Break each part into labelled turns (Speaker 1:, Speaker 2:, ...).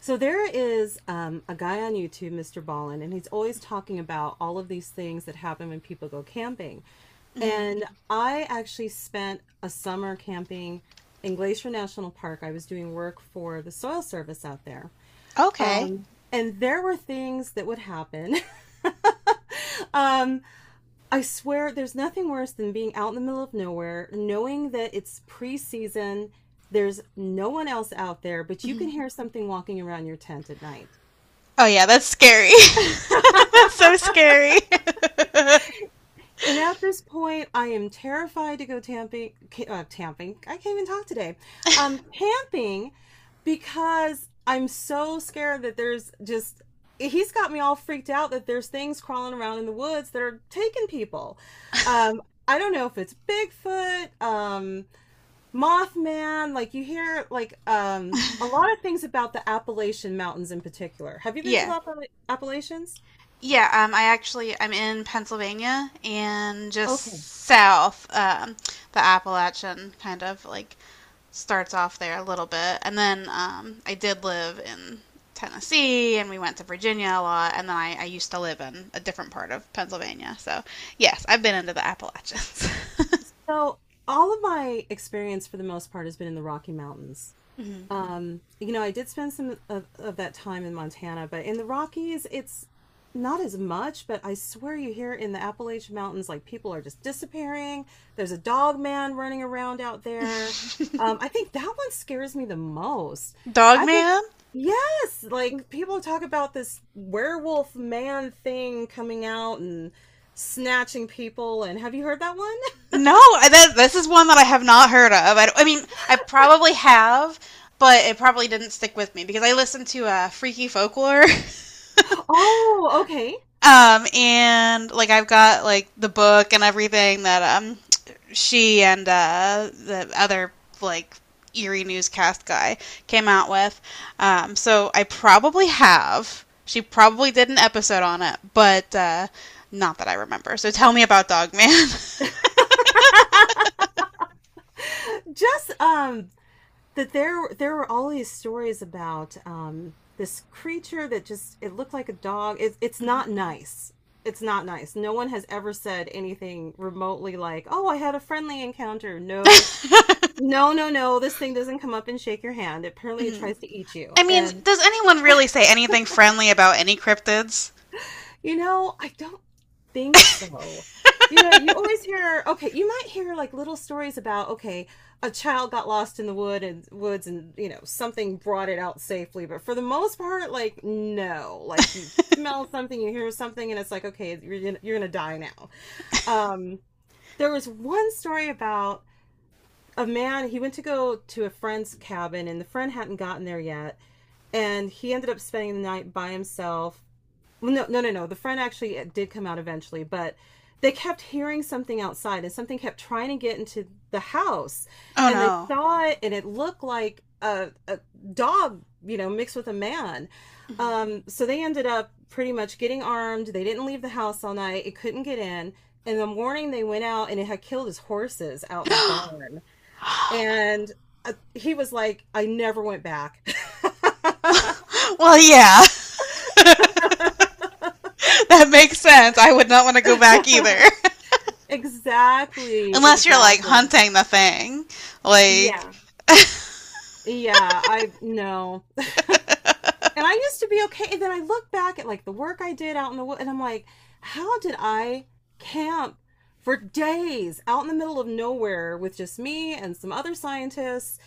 Speaker 1: So there is a guy on YouTube, Mr. Ballin, and he's always talking about all of these things that happen when people go camping.
Speaker 2: Hmm.
Speaker 1: And I actually spent a summer camping in Glacier National Park. I was doing work for the Soil Service out there.
Speaker 2: Okay.
Speaker 1: Um, and there were things that would happen. Um, I swear there's nothing worse than being out in the middle of nowhere, knowing that it's pre-season, there's no one else out there, but you can
Speaker 2: Hmm.
Speaker 1: hear something walking around your tent at night.
Speaker 2: Oh yeah, that's scary. That's so scary.
Speaker 1: And at this point, I am terrified to go tamping. Tamping. I can't even talk today. Camping because I'm so scared that there's just. He's got me all freaked out that there's things crawling around in the woods that are taking people. I don't know if it's Bigfoot, Mothman. Like you hear like a lot of things about the Appalachian Mountains in particular. Have you been to the
Speaker 2: Yeah.
Speaker 1: Appalachians?
Speaker 2: Yeah, I'm in Pennsylvania and
Speaker 1: Okay.
Speaker 2: just south, the Appalachian kind of like starts off there a little bit, and then I did live in Tennessee, and we went to Virginia a lot, and then I used to live in a different part of Pennsylvania. So yes, I've been into the Appalachians.
Speaker 1: So all of my experience for the most part has been in the Rocky Mountains.
Speaker 2: Mhm.
Speaker 1: I did spend some of that time in Montana, but in the Rockies, it's not as much, but I swear you hear in the Appalachian Mountains, like people are just disappearing. There's a dog man running around out there. I think that one scares me the most.
Speaker 2: Dog
Speaker 1: I just,
Speaker 2: man?
Speaker 1: yes, like people talk about this werewolf man thing coming out and snatching people. And have you heard that one?
Speaker 2: No, this is one that I have not heard of. I mean, I probably have, but it probably didn't stick with me because I listened to Freaky Folklore,
Speaker 1: Oh, okay.
Speaker 2: and like I've got like the book and everything that she and the other like eerie newscast guy came out with. So I probably have. She probably did an episode on it, but not that I remember. So tell me about Dogman.
Speaker 1: Just that there were all these stories about this creature that just it looked like a dog. It's not nice. It's not nice. No one has ever said anything remotely like, "Oh, I had a friendly encounter." No. No, no, no. This thing doesn't come up and shake your hand. Apparently it
Speaker 2: Mhm.
Speaker 1: tries to eat you.
Speaker 2: I mean,
Speaker 1: And
Speaker 2: does anyone really say anything friendly about any cryptids?
Speaker 1: you know, I don't think so. You know, you always hear, okay, you might hear like little stories about, okay, a child got lost in the woods and, you know, something brought it out safely. But for the most part, like, no, like you smell something, you hear something, and it's like, okay, you're gonna die now. Um, there was one story about a man, he went to go to a friend's cabin and the friend hadn't gotten there yet. And he ended up spending the night by himself, well, no, no, no, no, the friend actually did come out eventually, but they kept hearing something outside and something kept trying to get into the house
Speaker 2: Oh
Speaker 1: and they
Speaker 2: no.
Speaker 1: saw it and it looked like a dog, mixed with a man. So they ended up pretty much getting armed, they didn't leave the house all night, it couldn't get in. In the morning they went out and it had killed his horses out in the barn. And he was like, I never went back.
Speaker 2: Well, yeah, that makes sense. I would not want to go back either.
Speaker 1: Exactly,
Speaker 2: Unless you're like
Speaker 1: exactly.
Speaker 2: hunting the thing. Like,
Speaker 1: Yeah. Yeah, I know. And I used to be okay. And then I look back at like the work I did out in the woods, and I'm like, how did I camp for days out in the middle of nowhere with just me and some other scientists?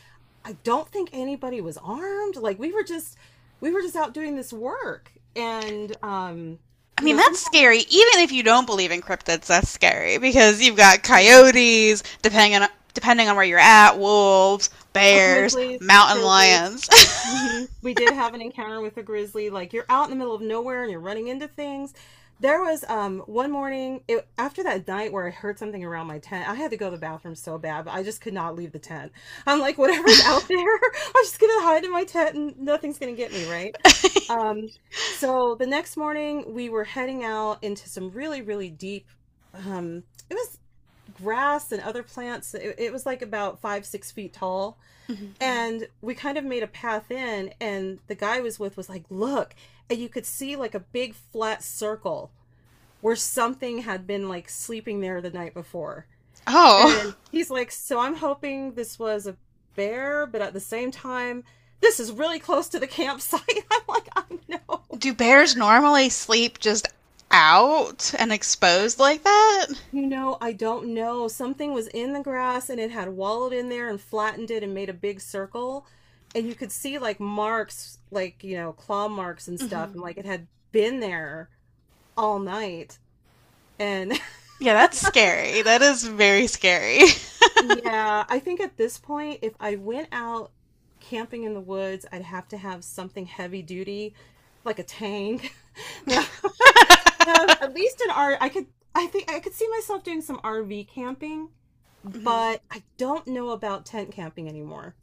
Speaker 1: I don't think anybody was armed. Like we were just out doing this work. And
Speaker 2: I
Speaker 1: you
Speaker 2: mean,
Speaker 1: know,
Speaker 2: that's
Speaker 1: sometimes,
Speaker 2: scary. Even if you don't believe in cryptids, that's scary because you've got
Speaker 1: yeah,
Speaker 2: coyotes, depending on where you're at, wolves,
Speaker 1: oh,
Speaker 2: bears,
Speaker 1: grizzlies,
Speaker 2: mountain
Speaker 1: grizzlies.
Speaker 2: lions.
Speaker 1: Hmm. We did have an encounter with a grizzly. Like you're out in the middle of nowhere and you're running into things. There was one morning after that night where I heard something around my tent. I had to go to the bathroom so bad, but I just could not leave the tent. I'm like, whatever's out there, I'm just gonna hide in my tent and nothing's gonna get me, right? Um, so the next morning we were heading out into some really, really deep. Um, it was grass and other plants. It was like about 5, 6 feet tall and we kind of made a path in, and the guy I was with was like, look. And you could see like a big flat circle where something had been like sleeping there the night before. And
Speaker 2: Oh,
Speaker 1: he's like, so I'm hoping this was a bear, but at the same time, this is really close to the campsite. I'm like, I know.
Speaker 2: do bears normally sleep just out and exposed like that?
Speaker 1: You know, I don't know. Something was in the grass and it had wallowed in there and flattened it and made a big circle. And you could see like marks, like, you know, claw marks and stuff. And
Speaker 2: Mm-hmm.
Speaker 1: like it had been there all night. And
Speaker 2: Yeah, that's scary. That is very scary.
Speaker 1: yeah, I think at this point, if I went out camping in the woods, I'd have to have something heavy duty, like a tank. No, no, at least an R. I think I could see myself doing some RV camping,
Speaker 2: Mhm.
Speaker 1: but I don't know about tent camping anymore.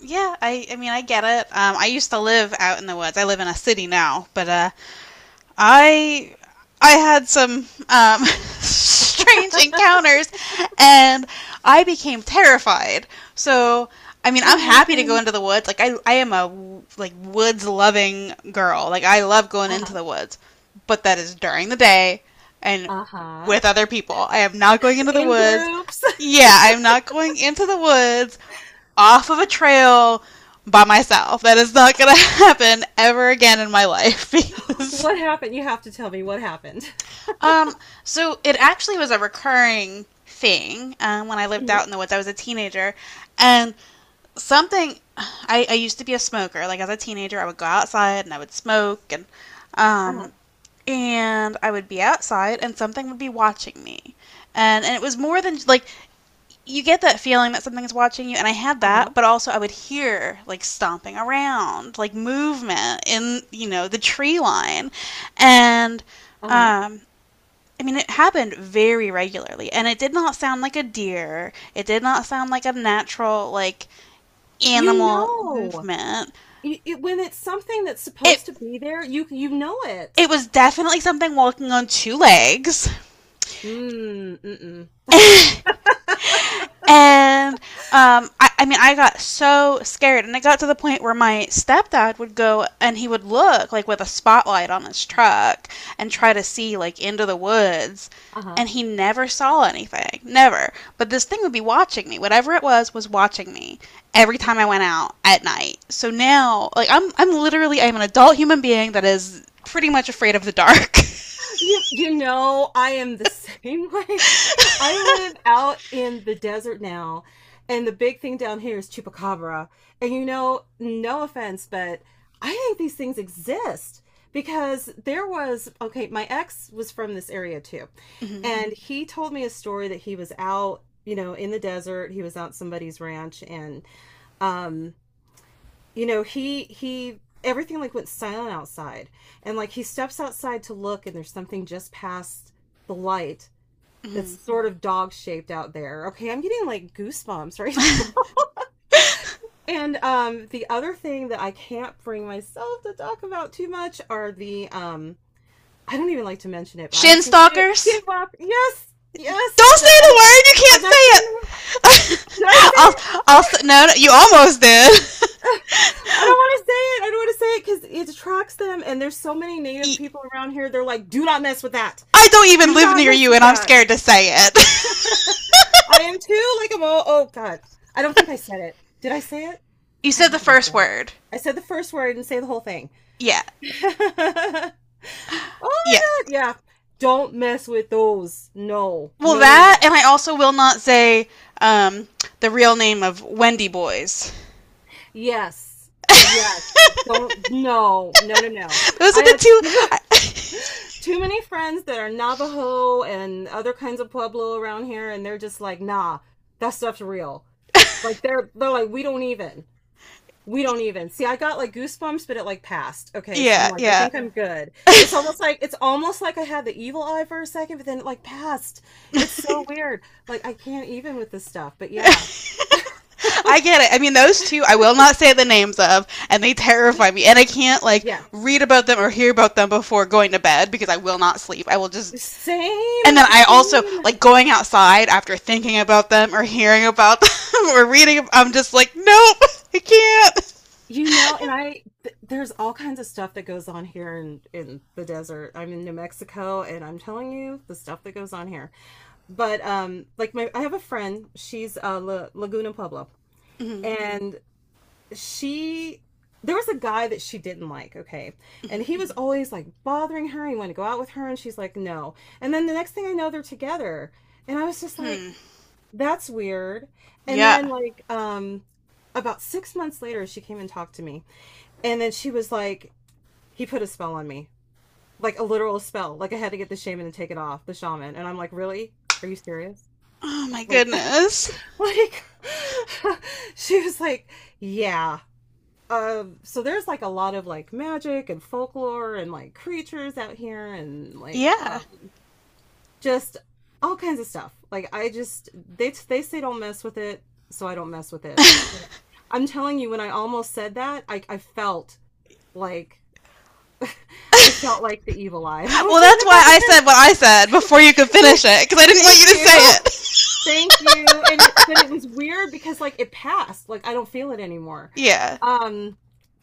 Speaker 2: Yeah, I mean I get it. I used to live out in the woods. I live in a city now, but I I had some strange encounters, and I became terrified. So I mean, I'm
Speaker 1: What?
Speaker 2: happy to go into the woods. Like I am a like woods loving girl. Like I love going into
Speaker 1: Uh-huh.
Speaker 2: the woods, but that is during the day and
Speaker 1: Uh-huh.
Speaker 2: with other people. I am not going into the
Speaker 1: In
Speaker 2: woods.
Speaker 1: groups.
Speaker 2: Yeah, I am not going into the woods off of a trail by myself. That is not going to happen ever again in my life because
Speaker 1: What happened? You have to tell me what happened.
Speaker 2: um, so it actually was a recurring thing when I lived out in
Speaker 1: Hmm.
Speaker 2: the woods. I was a teenager, and I used to be a smoker. Like as a teenager, I would go outside and I would smoke, and
Speaker 1: Uh-huh.
Speaker 2: um, and I would be outside, and something would be watching me, and it was more than like you get that feeling that something's watching you, and I had
Speaker 1: Uh-huh.
Speaker 2: that, but also I would hear like stomping around, like movement in the tree line, and
Speaker 1: Uh-huh.
Speaker 2: um I mean, it happened very regularly, and it did not sound like a deer. It did not sound like a natural, like
Speaker 1: You
Speaker 2: animal
Speaker 1: know,
Speaker 2: movement.
Speaker 1: when it's something that's
Speaker 2: It
Speaker 1: supposed to be there, you know
Speaker 2: it
Speaker 1: it.
Speaker 2: was definitely something walking on two legs.
Speaker 1: Mm, mm-mm.
Speaker 2: And I mean, I got so scared, and it got to the point where my stepdad would go and he would look like with a spotlight on his truck and try to see like into the woods,
Speaker 1: Uh-huh.
Speaker 2: and he never saw anything, never. But this thing would be watching me. Whatever it was watching me every time I went out at night. So now, like, I'm literally I'm an adult human being that is pretty much afraid of the dark.
Speaker 1: You know, I am the same way. I live out in the desert now, and the big thing down here is chupacabra. And you know, no offense, but I think these things exist because there was, okay, my ex was from this area too.
Speaker 2: Hmm.
Speaker 1: And he told me a story that he was out, you know, in the desert. He was out somebody's ranch and um you know, he everything like went silent outside. And like he steps outside to look and there's something just past the light
Speaker 2: Hmm.
Speaker 1: that's sort of dog shaped out there. Okay, I'm getting like goosebumps, right? And the other thing that I can't bring myself to talk about too much are the I don't even like to mention it, but I'm
Speaker 2: Shin
Speaker 1: just gonna say it.
Speaker 2: stalkers.
Speaker 1: Skinwalker. Yes, yes,
Speaker 2: Don't
Speaker 1: the
Speaker 2: say the word. You
Speaker 1: I'm
Speaker 2: can't
Speaker 1: not
Speaker 2: say
Speaker 1: saying the word- Did
Speaker 2: it.
Speaker 1: I
Speaker 2: I'll.
Speaker 1: say
Speaker 2: I'll. No, no. You almost did.
Speaker 1: it? I don't want to say it. I don't want to say it because it attracts them, and there's so many native
Speaker 2: I
Speaker 1: people around here. They're like, "Do not mess with that.
Speaker 2: I don't even
Speaker 1: Do
Speaker 2: live
Speaker 1: not
Speaker 2: near
Speaker 1: mess
Speaker 2: you,
Speaker 1: with
Speaker 2: and I'm
Speaker 1: that."
Speaker 2: scared to say it.
Speaker 1: I am too. Like I'm all. Oh God, I don't think I said it. Did I say it?
Speaker 2: You
Speaker 1: I
Speaker 2: said
Speaker 1: don't
Speaker 2: the
Speaker 1: think I
Speaker 2: first
Speaker 1: said it.
Speaker 2: word.
Speaker 1: I said the first word. I didn't say the whole thing.
Speaker 2: Yeah.
Speaker 1: Oh my
Speaker 2: Yeah.
Speaker 1: God. Yeah. Don't mess with those. No.
Speaker 2: Well,
Speaker 1: No. No.
Speaker 2: that,
Speaker 1: No.
Speaker 2: and I also will not say um, the real name of Wendy Boys.
Speaker 1: Yes. Yes. Don't. No. No. No. No.
Speaker 2: Those are
Speaker 1: I
Speaker 2: the
Speaker 1: have
Speaker 2: two.
Speaker 1: two.
Speaker 2: I-
Speaker 1: Too many friends that are Navajo and other kinds of Pueblo around here, and they're just like, nah, that stuff's real. Like they're like, we don't even. We don't even. See, I got like goosebumps, but it like passed. Okay, so I'm
Speaker 2: yeah.
Speaker 1: like, I
Speaker 2: Yeah.
Speaker 1: think I'm good. It's almost like I had the evil eye for a second, but then it like passed. It's so weird. Like I can't even with this stuff. But yeah.
Speaker 2: I get it. I mean, those two I will not say the names of, and they terrify me. And I can't like
Speaker 1: Yeah.
Speaker 2: read about them or hear about them before going to bed because I will not sleep. I will just.
Speaker 1: Same,
Speaker 2: And then I also
Speaker 1: same.
Speaker 2: like going outside after thinking about them or hearing about them or reading. I'm just like, nope, I can't.
Speaker 1: You know, and I th there's all kinds of stuff that goes on here in the desert. I'm in New Mexico and I'm telling you the stuff that goes on here. But like my I have a friend, she's La Laguna Pueblo,
Speaker 2: Mhm,
Speaker 1: and she there was a guy that she didn't like, okay? And
Speaker 2: mhm,
Speaker 1: he was always like bothering her. He wanted to go out with her and she's like, "No." And then the next thing I know they're together. And I was just
Speaker 2: hmm.
Speaker 1: like, that's weird. And then
Speaker 2: Yeah.
Speaker 1: like about 6 months later she came and talked to me. And then she was like, he put a spell on me, like a literal spell. Like I had to get the shaman and take it off, the shaman. And I'm like, really? Are you serious?
Speaker 2: Oh my
Speaker 1: Like,
Speaker 2: goodness.
Speaker 1: like she was like, yeah. So there's like a lot of like magic and folklore and like creatures out here, and like
Speaker 2: Yeah.
Speaker 1: just all kinds of stuff. Like I just they say don't mess with it, so I don't mess with it. I'm telling you, when I almost said that, I like felt like the evil eye. I was
Speaker 2: Well,
Speaker 1: doing
Speaker 2: that's
Speaker 1: a
Speaker 2: why I
Speaker 1: compliment.
Speaker 2: said what I said before you could finish it because I didn't want
Speaker 1: Thank
Speaker 2: you to say
Speaker 1: you.
Speaker 2: it.
Speaker 1: Thank you. And it but it was weird because like it passed. Like I don't feel it anymore.
Speaker 2: Yeah.
Speaker 1: Um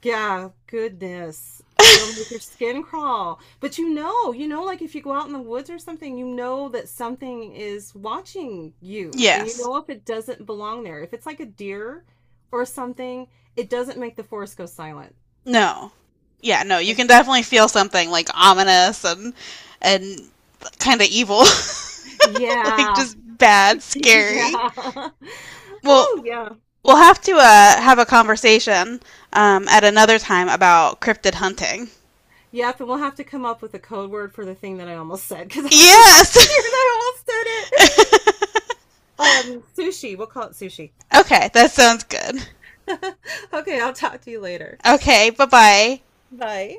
Speaker 1: yeah, goodness. It'll make your skin crawl. But you know, like if you go out in the woods or something, you know that something is watching you. And you
Speaker 2: Yes.
Speaker 1: know if it doesn't belong there. If it's like a deer or something, it doesn't make the forest go silent.
Speaker 2: No. Yeah. No. You
Speaker 1: And-
Speaker 2: can definitely feel something like ominous and kind of evil, like
Speaker 1: Yeah.
Speaker 2: just bad, scary.
Speaker 1: Yeah.
Speaker 2: Well,
Speaker 1: Oh, yeah.
Speaker 2: we'll have to have a conversation at another time about cryptid hunting.
Speaker 1: Yep, and we'll have to come up with a code word for the thing that I almost said because I'm like,
Speaker 2: Yes!
Speaker 1: I almost said it. Sushi. We'll call it sushi.
Speaker 2: Okay, that sounds good.
Speaker 1: Okay, I'll talk to you later.
Speaker 2: Okay, bye bye.
Speaker 1: Bye.